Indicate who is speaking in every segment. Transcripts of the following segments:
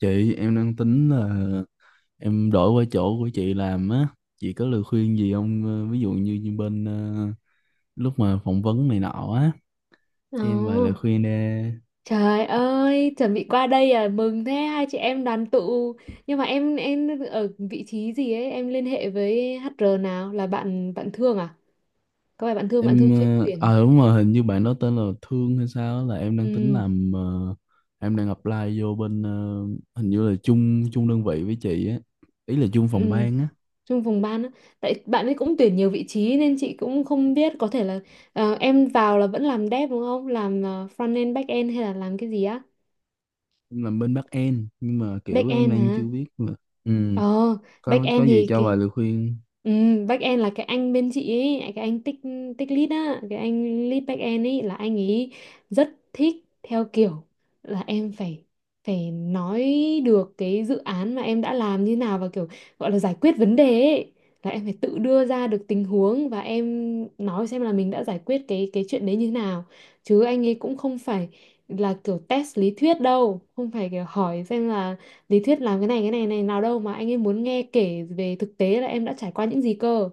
Speaker 1: Chị em đang tính là em đổi qua chỗ của chị làm á, chị có lời khuyên gì không? Ờ, Ví dụ như bên lúc mà phỏng vấn này nọ á,
Speaker 2: Ồ,
Speaker 1: cho em vài lời khuyên đi.
Speaker 2: trời ơi, chuẩn bị qua đây à, mừng thế hai chị em đoàn tụ. Nhưng mà em ở vị trí gì ấy, em liên hệ với HR nào là bạn bạn Thương à? Có phải bạn Thương
Speaker 1: Em
Speaker 2: chuyên
Speaker 1: ờ,
Speaker 2: tuyển.
Speaker 1: à đúng rồi, hình như bạn đó tên là Thương hay sao á, là em đang tính
Speaker 2: Ừ,
Speaker 1: làm em đang apply vô bên hình như là chung chung đơn vị với chị á, ý là chung phòng
Speaker 2: ừ,
Speaker 1: ban á,
Speaker 2: trong vùng ban á. Tại bạn ấy cũng tuyển nhiều vị trí nên chị cũng không biết có thể là em vào là vẫn làm dev đúng không? Làm front end back end hay là làm cái gì á?
Speaker 1: em làm bên back end nhưng mà
Speaker 2: Back
Speaker 1: kiểu em
Speaker 2: end
Speaker 1: đang
Speaker 2: hả?
Speaker 1: chưa biết mà. Ừ,
Speaker 2: Ờ, back
Speaker 1: có
Speaker 2: end
Speaker 1: gì
Speaker 2: thì
Speaker 1: cho vài
Speaker 2: cái
Speaker 1: lời khuyên.
Speaker 2: ừ, end là cái anh bên chị ấy, cái anh tích tích lead á, cái anh lead end ấy là anh ấy rất thích theo kiểu là em phải phải nói được cái dự án mà em đã làm như nào và kiểu gọi là giải quyết vấn đề ấy. Là em phải tự đưa ra được tình huống và em nói xem là mình đã giải quyết cái chuyện đấy như thế nào. Chứ anh ấy cũng không phải là kiểu test lý thuyết đâu, không phải kiểu hỏi xem là lý thuyết làm cái này này nào đâu mà anh ấy muốn nghe kể về thực tế là em đã trải qua những gì cơ.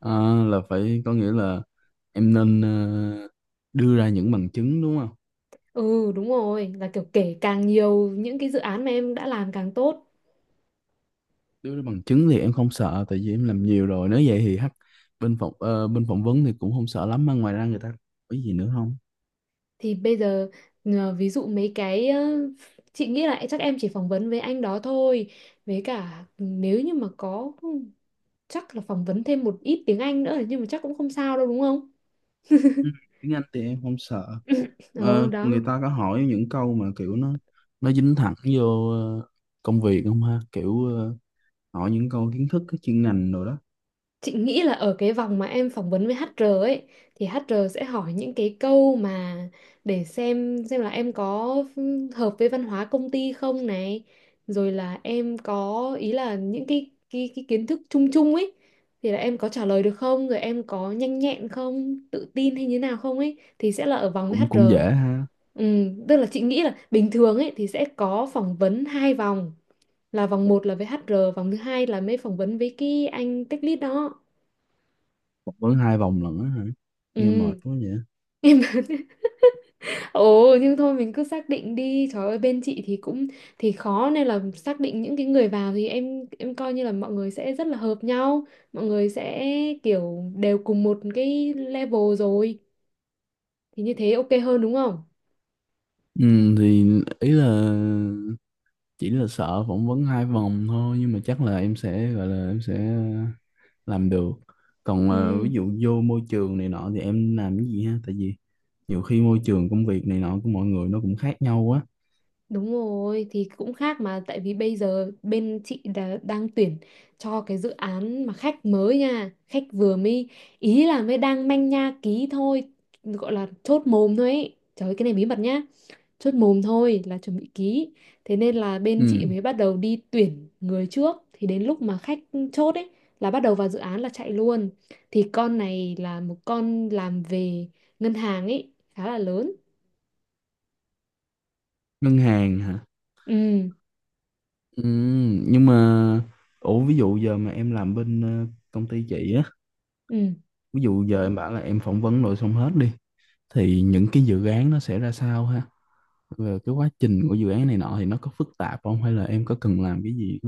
Speaker 1: À, là phải có nghĩa là em nên đưa ra những bằng chứng đúng không?
Speaker 2: Ừ, đúng rồi, là kiểu kể càng nhiều những cái dự án mà em đã làm càng tốt.
Speaker 1: Đưa ra bằng chứng thì em không sợ tại vì em làm nhiều rồi. Nếu vậy thì hắc bên phỏng vấn thì cũng không sợ lắm mà ngoài ra người ta hỏi gì nữa không?
Speaker 2: Thì bây giờ ví dụ mấy cái chị nghĩ là chắc em chỉ phỏng vấn với anh đó thôi, với cả nếu như mà có chắc là phỏng vấn thêm một ít tiếng Anh nữa, nhưng mà chắc cũng không sao đâu đúng không.
Speaker 1: Ừ, tiếng Anh thì em không sợ.
Speaker 2: Ừ
Speaker 1: Ờ,
Speaker 2: đó.
Speaker 1: người ta có hỏi những câu mà kiểu nó dính thẳng vô công việc không ha? Kiểu hỏi những câu kiến thức cái chuyên ngành rồi đó.
Speaker 2: Chị nghĩ là ở cái vòng mà em phỏng vấn với HR ấy thì HR sẽ hỏi những cái câu mà để xem là em có hợp với văn hóa công ty không này, rồi là em có ý là những cái kiến thức chung chung ấy thì là em có trả lời được không, rồi em có nhanh nhẹn không, tự tin hay như nào không ấy, thì sẽ là ở vòng với
Speaker 1: Cũng
Speaker 2: HR.
Speaker 1: cũng dễ ha.
Speaker 2: Ừ, tức là chị nghĩ là bình thường ấy thì sẽ có phỏng vấn hai vòng, là vòng một là với HR, vòng thứ hai là mới phỏng vấn với cái anh tech lead đó.
Speaker 1: Phỏng vấn hai vòng lận á hả? Nghe
Speaker 2: Ừ,
Speaker 1: mệt quá vậy.
Speaker 2: em Ồ, nhưng thôi mình cứ xác định đi. Trời ơi, bên chị thì cũng thì khó, nên là xác định những cái người vào thì em coi như là mọi người sẽ rất là hợp nhau. Mọi người sẽ kiểu đều cùng một cái level rồi, thì như thế ok hơn đúng không.
Speaker 1: Ừ, thì ý là chỉ là sợ phỏng vấn hai vòng thôi nhưng mà chắc là em sẽ gọi là em sẽ làm được, còn
Speaker 2: Ừ,
Speaker 1: ví dụ vô môi trường này nọ thì em làm cái gì ha, tại vì nhiều khi môi trường công việc này nọ của mọi người nó cũng khác nhau quá.
Speaker 2: đúng rồi thì cũng khác, mà tại vì bây giờ bên chị đã, đang tuyển cho cái dự án mà khách mới nha, khách vừa mới, ý là mới đang manh nha ký thôi, gọi là chốt mồm thôi ấy. Trời ơi, cái này bí mật nhá, chốt mồm thôi là chuẩn bị ký. Thế nên là bên chị
Speaker 1: Ừ.
Speaker 2: mới bắt đầu đi tuyển người trước, thì đến lúc mà khách chốt ấy là bắt đầu vào dự án là chạy luôn. Thì con này là một con làm về ngân hàng ấy, khá là lớn.
Speaker 1: Ngân hàng hả?
Speaker 2: Ừ,
Speaker 1: Ừ. Nhưng mà ủa ví dụ giờ mà em làm bên công ty chị á,
Speaker 2: ừ.
Speaker 1: ví dụ giờ em bảo là em phỏng vấn rồi xong hết đi thì những cái dự án nó sẽ ra sao ha, về cái quá trình của dự án này nọ thì nó có phức tạp không hay là em có cần làm cái gì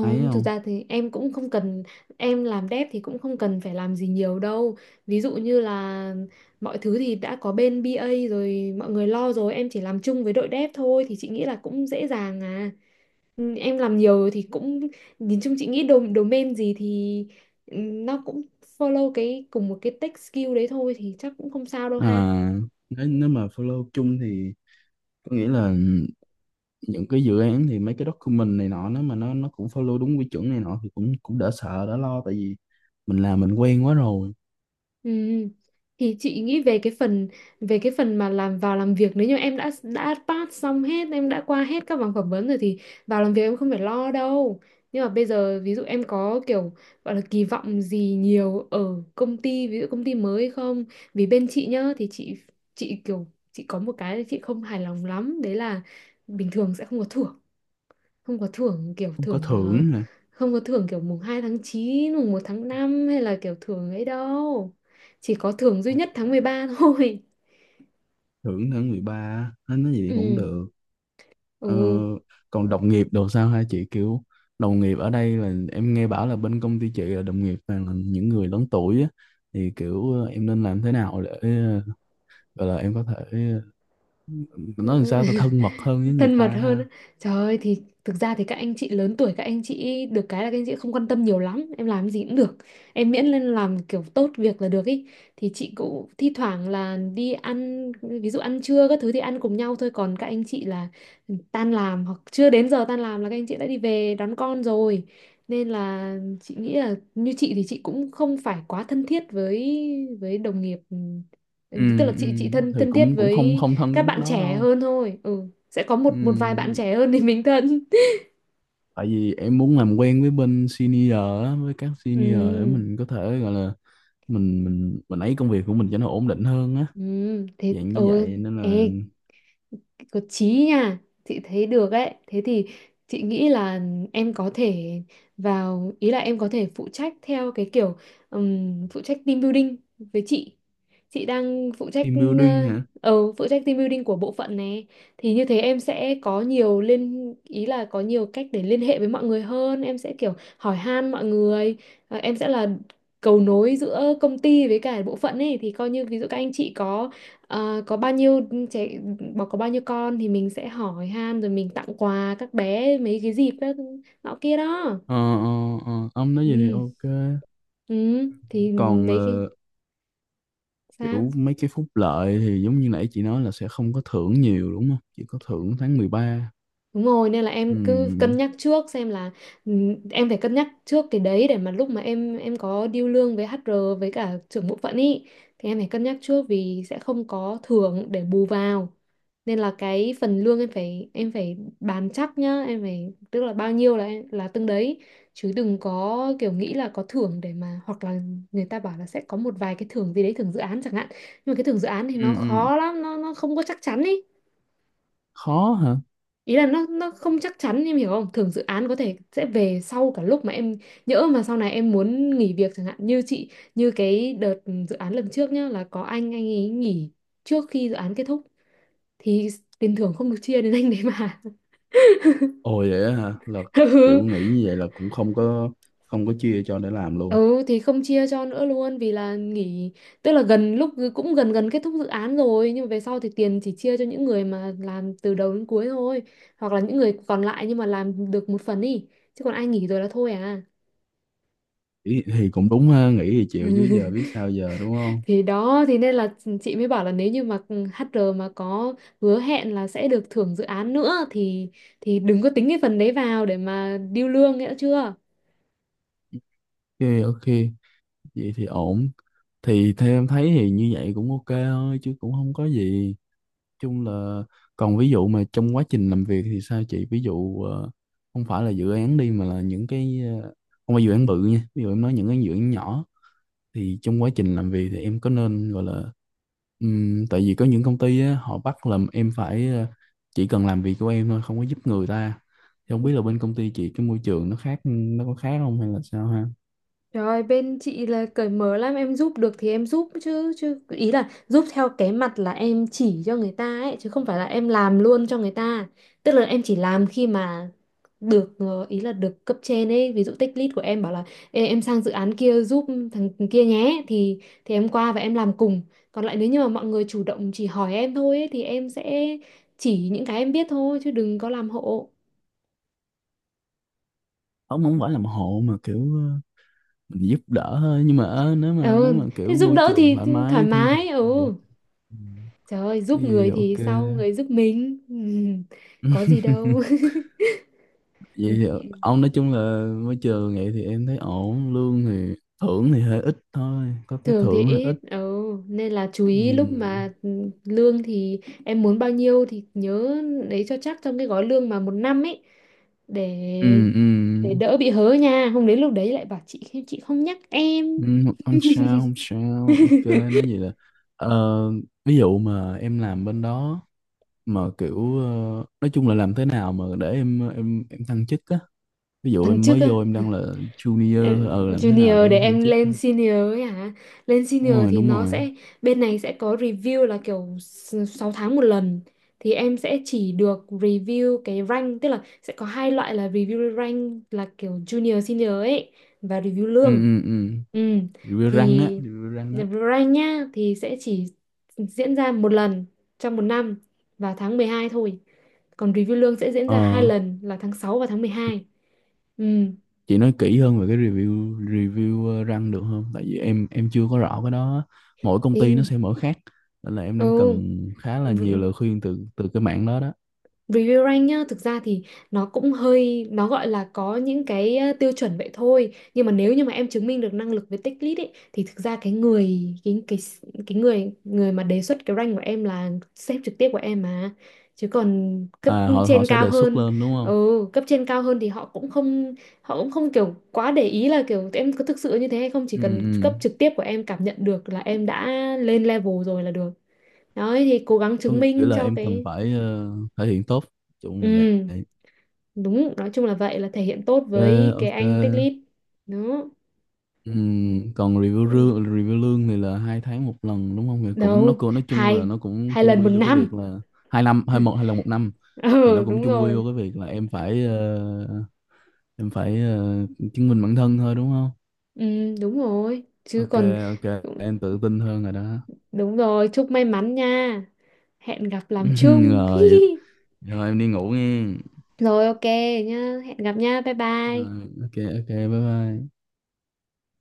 Speaker 1: ấy
Speaker 2: thực
Speaker 1: không?
Speaker 2: ra thì em cũng không cần, em làm dev thì cũng không cần phải làm gì nhiều đâu. Ví dụ như là mọi thứ thì đã có bên BA rồi, mọi người lo rồi, em chỉ làm chung với đội dev thôi, thì chị nghĩ là cũng dễ dàng à. Ừ, em làm nhiều rồi thì cũng nhìn chung chị nghĩ domain gì thì nó cũng follow cái cùng một cái tech skill đấy thôi, thì chắc cũng không sao đâu ha.
Speaker 1: À, nếu mà follow chung thì có nghĩa là những cái dự án thì mấy cái document này nọ nếu mà nó cũng follow đúng quy chuẩn này nọ thì cũng cũng đỡ sợ đỡ lo tại vì mình làm mình quen quá rồi.
Speaker 2: Ừ. Thì chị nghĩ về cái phần, về cái phần mà làm vào làm việc, nếu như em đã pass xong hết, em đã qua hết các vòng phỏng vấn rồi thì vào làm việc em không phải lo đâu. Nhưng mà bây giờ ví dụ em có kiểu gọi là kỳ vọng gì nhiều ở công ty, ví dụ công ty mới không, vì bên chị nhá thì chị kiểu chị có một cái chị không hài lòng lắm đấy là bình thường sẽ không có thưởng, không có thưởng kiểu
Speaker 1: Không có
Speaker 2: thưởng
Speaker 1: thưởng nè.
Speaker 2: không có thưởng kiểu mùng 2 tháng 9, mùng 1 tháng 5 hay là kiểu thưởng ấy đâu. Chỉ có thưởng duy nhất tháng 13 thôi.
Speaker 1: Thưởng tháng 13 nói gì thì cũng
Speaker 2: Ừ.
Speaker 1: được. ờ,
Speaker 2: Ừ.
Speaker 1: còn đồng nghiệp đồ sao hả chị, kiểu đồng nghiệp ở đây là em nghe bảo là bên công ty chị là đồng nghiệp toàn là những người lớn tuổi á, thì kiểu em nên làm thế nào để gọi là em có thể ờ,
Speaker 2: Ừ,
Speaker 1: nói làm sao ta
Speaker 2: ừ.
Speaker 1: thân mật hơn với người
Speaker 2: Thân
Speaker 1: ta
Speaker 2: mật hơn á.
Speaker 1: ha?
Speaker 2: Trời ơi, thì thực ra thì các anh chị lớn tuổi, các anh chị được cái là các anh chị không quan tâm nhiều lắm em làm gì cũng được, em miễn lên làm kiểu tốt việc là được ý. Thì chị cũng thi thoảng là đi ăn, ví dụ ăn trưa các thứ thì ăn cùng nhau thôi, còn các anh chị là tan làm hoặc chưa đến giờ tan làm là các anh chị đã đi về đón con rồi. Nên là chị nghĩ là như chị thì chị cũng không phải quá thân thiết với đồng nghiệp. Ừ,
Speaker 1: Ừ,
Speaker 2: tức là
Speaker 1: ừ,
Speaker 2: chị thân
Speaker 1: thì
Speaker 2: thân thiết
Speaker 1: cũng cũng không
Speaker 2: với
Speaker 1: không thân
Speaker 2: các
Speaker 1: tới mức
Speaker 2: bạn
Speaker 1: đó
Speaker 2: trẻ
Speaker 1: đâu.
Speaker 2: hơn thôi. Ừ, sẽ có một một vài bạn
Speaker 1: Ừ,
Speaker 2: trẻ hơn thì mình thân.
Speaker 1: tại vì em muốn làm quen với bên senior á, với các senior để
Speaker 2: Ừ,
Speaker 1: mình có thể gọi là mình ấy công việc của mình cho nó ổn định hơn á,
Speaker 2: ừ, thế
Speaker 1: dạng như
Speaker 2: ừ,
Speaker 1: vậy nên là
Speaker 2: ê, có chí nha, chị thấy được ấy. Thế thì chị nghĩ là em có thể vào, ý là em có thể phụ trách theo cái kiểu phụ trách team building với chị đang phụ trách.
Speaker 1: team building
Speaker 2: Ờ,
Speaker 1: hả?
Speaker 2: phụ trách team building của bộ phận này, thì như thế em sẽ có nhiều liên, ý là có nhiều cách để liên hệ với mọi người hơn, em sẽ kiểu hỏi han mọi người. Ờ, em sẽ là cầu nối giữa công ty với cả bộ phận ấy, thì coi như ví dụ các anh chị có, ờ, có bao nhiêu trẻ, bảo có bao nhiêu con thì mình sẽ hỏi han rồi mình tặng quà các bé mấy cái dịp đó nọ kia đó.
Speaker 1: Ờ, ờ, ờ, ông nói gì thì
Speaker 2: Ừ,
Speaker 1: ok.
Speaker 2: ừ, thì
Speaker 1: còn
Speaker 2: mấy cái
Speaker 1: ờ,
Speaker 2: sao.
Speaker 1: kiểu mấy cái phúc lợi thì giống như nãy chị nói là sẽ không có thưởng nhiều đúng không, chỉ có thưởng tháng 13.
Speaker 2: Đúng rồi, nên là
Speaker 1: Ừ,
Speaker 2: em cứ cân nhắc trước xem là ừ, em phải cân nhắc trước cái đấy để mà lúc mà em có deal lương với HR với cả trưởng bộ phận ý thì em phải cân nhắc trước, vì sẽ không có thưởng để bù vào. Nên là cái phần lương em phải bàn chắc nhá, em phải, tức là bao nhiêu là từng đấy, chứ đừng có kiểu nghĩ là có thưởng để mà, hoặc là người ta bảo là sẽ có một vài cái thưởng gì đấy, thưởng dự án chẳng hạn. Nhưng mà cái thưởng dự án thì
Speaker 1: ừ,
Speaker 2: nó
Speaker 1: ừ.
Speaker 2: khó lắm, nó không có chắc chắn ý.
Speaker 1: Khó hả?
Speaker 2: Ý là nó không chắc chắn em hiểu không, thường dự án có thể sẽ về sau cả lúc mà em, nhỡ mà sau này em muốn nghỉ việc chẳng hạn, như chị, như cái đợt dự án lần trước nhá, là có anh ấy nghỉ trước khi dự án kết thúc, thì tiền thưởng không được chia đến anh đấy mà.
Speaker 1: Ồ vậy á hả? Là kiểu
Speaker 2: Ừ,
Speaker 1: nghĩ như vậy là cũng không có chia cho để làm luôn.
Speaker 2: ừ, thì không chia cho nữa luôn vì là nghỉ, tức là gần lúc cũng gần gần kết thúc dự án rồi, nhưng mà về sau thì tiền chỉ chia cho những người mà làm từ đầu đến cuối thôi, hoặc là những người còn lại nhưng mà làm được một phần đi, chứ còn ai nghỉ rồi là thôi à.
Speaker 1: Ý, thì cũng đúng ha, nghĩ thì chịu chứ giờ biết sao giờ đúng không?
Speaker 2: Thì đó, thì nên là chị mới bảo là nếu như mà HR mà có hứa hẹn là sẽ được thưởng dự án nữa thì đừng có tính cái phần đấy vào để mà điêu lương, nghĩa chưa.
Speaker 1: Ok ok, vậy thì ổn. Thì theo em thấy thì như vậy cũng ok thôi chứ cũng không có gì. Chung là còn ví dụ mà trong quá trình làm việc thì sao chị? Ví dụ không phải là dự án đi mà là những cái không phải dự án bự nha. Ví dụ em nói những cái dự án nhỏ thì trong quá trình làm việc thì em có nên gọi là tại vì có những công ty á, họ bắt làm em phải chỉ cần làm việc của em thôi không có giúp người ta thì không biết là bên công ty chị cái môi trường nó khác nó có khác không hay là sao ha?
Speaker 2: Trời, bên chị là cởi mở lắm, em giúp được thì em giúp chứ, chứ ý là giúp theo cái mặt là em chỉ cho người ta ấy, chứ không phải là em làm luôn cho người ta. Tức là em chỉ làm khi mà được ý là được cấp trên ấy, ví dụ tech lead của em bảo là ê, em sang dự án kia giúp thằng kia nhé, thì em qua và em làm cùng. Còn lại nếu như mà mọi người chủ động chỉ hỏi em thôi ấy, thì em sẽ chỉ những cái em biết thôi chứ đừng có làm hộ.
Speaker 1: Không, không phải làm hộ mà kiểu mình giúp đỡ thôi nhưng mà nếu mà nếu
Speaker 2: Ừ,
Speaker 1: mà
Speaker 2: thế
Speaker 1: kiểu
Speaker 2: giúp
Speaker 1: môi
Speaker 2: đỡ
Speaker 1: trường thoải
Speaker 2: thì thoải
Speaker 1: mái thân thiện
Speaker 2: mái.
Speaker 1: thì ok.
Speaker 2: Ừ.
Speaker 1: Ừm,
Speaker 2: Trời ơi,
Speaker 1: cái
Speaker 2: giúp
Speaker 1: gì thì
Speaker 2: người thì
Speaker 1: ok.
Speaker 2: sau người giúp mình. Ừ, có gì đâu.
Speaker 1: Vậy thì ông nói chung là môi trường vậy thì em thấy ổn, lương thì thưởng thì hơi ít thôi, có cái
Speaker 2: Thường thì
Speaker 1: thưởng hơi
Speaker 2: ít,
Speaker 1: ít.
Speaker 2: nên là chú ý lúc
Speaker 1: Ừ
Speaker 2: mà lương thì em muốn bao nhiêu thì nhớ lấy cho chắc trong cái gói lương mà một năm ấy, để
Speaker 1: ừ ừ.
Speaker 2: để đỡ bị hớ nha. Không đến lúc đấy lại bảo chị không nhắc em.
Speaker 1: Ừ, không sao không sao, ok, nói vậy là ờ, ví dụ mà em làm bên đó mà kiểu nói chung là làm thế nào mà để em thăng chức á, ví dụ
Speaker 2: Thằng
Speaker 1: em
Speaker 2: trước.
Speaker 1: mới vô em đang là
Speaker 2: Ờ,
Speaker 1: junior thôi, làm thế nào để
Speaker 2: junior để
Speaker 1: em thăng
Speaker 2: em
Speaker 1: chức
Speaker 2: lên
Speaker 1: ha?
Speaker 2: senior ấy hả? Lên
Speaker 1: Đúng
Speaker 2: senior
Speaker 1: rồi
Speaker 2: thì
Speaker 1: đúng
Speaker 2: nó
Speaker 1: rồi.
Speaker 2: sẽ, bên này sẽ có review là kiểu 6 tháng một lần, thì em sẽ chỉ được review cái rank, tức là sẽ có hai loại là review rank là kiểu junior senior ấy và review
Speaker 1: Ừ
Speaker 2: lương.
Speaker 1: ừ ừ.
Speaker 2: Ừ.
Speaker 1: Review răng
Speaker 2: Thì
Speaker 1: á? Review răng á?
Speaker 2: rank nhá thì sẽ chỉ diễn ra một lần trong một năm và tháng 12 thôi. Còn review lương sẽ diễn
Speaker 1: ờ
Speaker 2: ra 2 lần là tháng 6 và tháng 12. Ừ.
Speaker 1: chị nói kỹ hơn về cái review review răng được không, tại vì em chưa có rõ cái đó á. Mỗi công ty nó
Speaker 2: Thế-
Speaker 1: sẽ mở khác nên là em đang cần khá là nhiều
Speaker 2: Ừ.
Speaker 1: lời khuyên từ từ cái mảng đó đó.
Speaker 2: Review rank nhá, thực ra thì nó cũng hơi, nó gọi là có những cái tiêu chuẩn vậy thôi. Nhưng mà nếu như mà em chứng minh được năng lực với tích lũy ấy, thì thực ra cái người, cái, cái người người mà đề xuất cái rank của em là sếp trực tiếp của em mà. Chứ còn cấp
Speaker 1: À, họ họ
Speaker 2: trên
Speaker 1: sẽ
Speaker 2: cao
Speaker 1: đề xuất
Speaker 2: hơn,
Speaker 1: lên đúng không?
Speaker 2: ừ, cấp trên cao hơn thì họ cũng không kiểu quá để ý là kiểu em có thực sự như thế hay không. Chỉ
Speaker 1: Ừ,
Speaker 2: cần
Speaker 1: ừ.
Speaker 2: cấp trực tiếp của em cảm nhận được là em đã lên level rồi là được. Đấy thì cố gắng
Speaker 1: Có
Speaker 2: chứng
Speaker 1: nghĩa
Speaker 2: minh
Speaker 1: là
Speaker 2: cho
Speaker 1: em cần
Speaker 2: cái...
Speaker 1: phải thể hiện tốt,
Speaker 2: Ừ,
Speaker 1: chung là vậy.
Speaker 2: đúng nói chung là vậy, là thể hiện tốt
Speaker 1: Ok
Speaker 2: với cái
Speaker 1: ok.
Speaker 2: anh Tích Lít đó,
Speaker 1: Ừ. Còn review lương thì là hai tháng một lần đúng không, thì cũng nó
Speaker 2: đâu,
Speaker 1: cũng nói chung là
Speaker 2: hai
Speaker 1: nó cũng
Speaker 2: hai
Speaker 1: chung
Speaker 2: lần một
Speaker 1: quy vô cái việc
Speaker 2: năm.
Speaker 1: là hai năm hai một hay là một năm, thì nó
Speaker 2: Ừ,
Speaker 1: cũng
Speaker 2: đúng
Speaker 1: chung quy
Speaker 2: rồi.
Speaker 1: vô cái việc là em phải chứng minh bản thân thôi đúng không?
Speaker 2: Ừ, đúng rồi chứ
Speaker 1: Ok
Speaker 2: còn.
Speaker 1: ok, em tự tin hơn rồi đó.
Speaker 2: Đúng rồi, chúc may mắn nha, hẹn gặp làm chung.
Speaker 1: Rồi rồi em đi ngủ nghe,
Speaker 2: Rồi ok nhá, hẹn gặp nha, bye bye.
Speaker 1: rồi ok ok bye bye.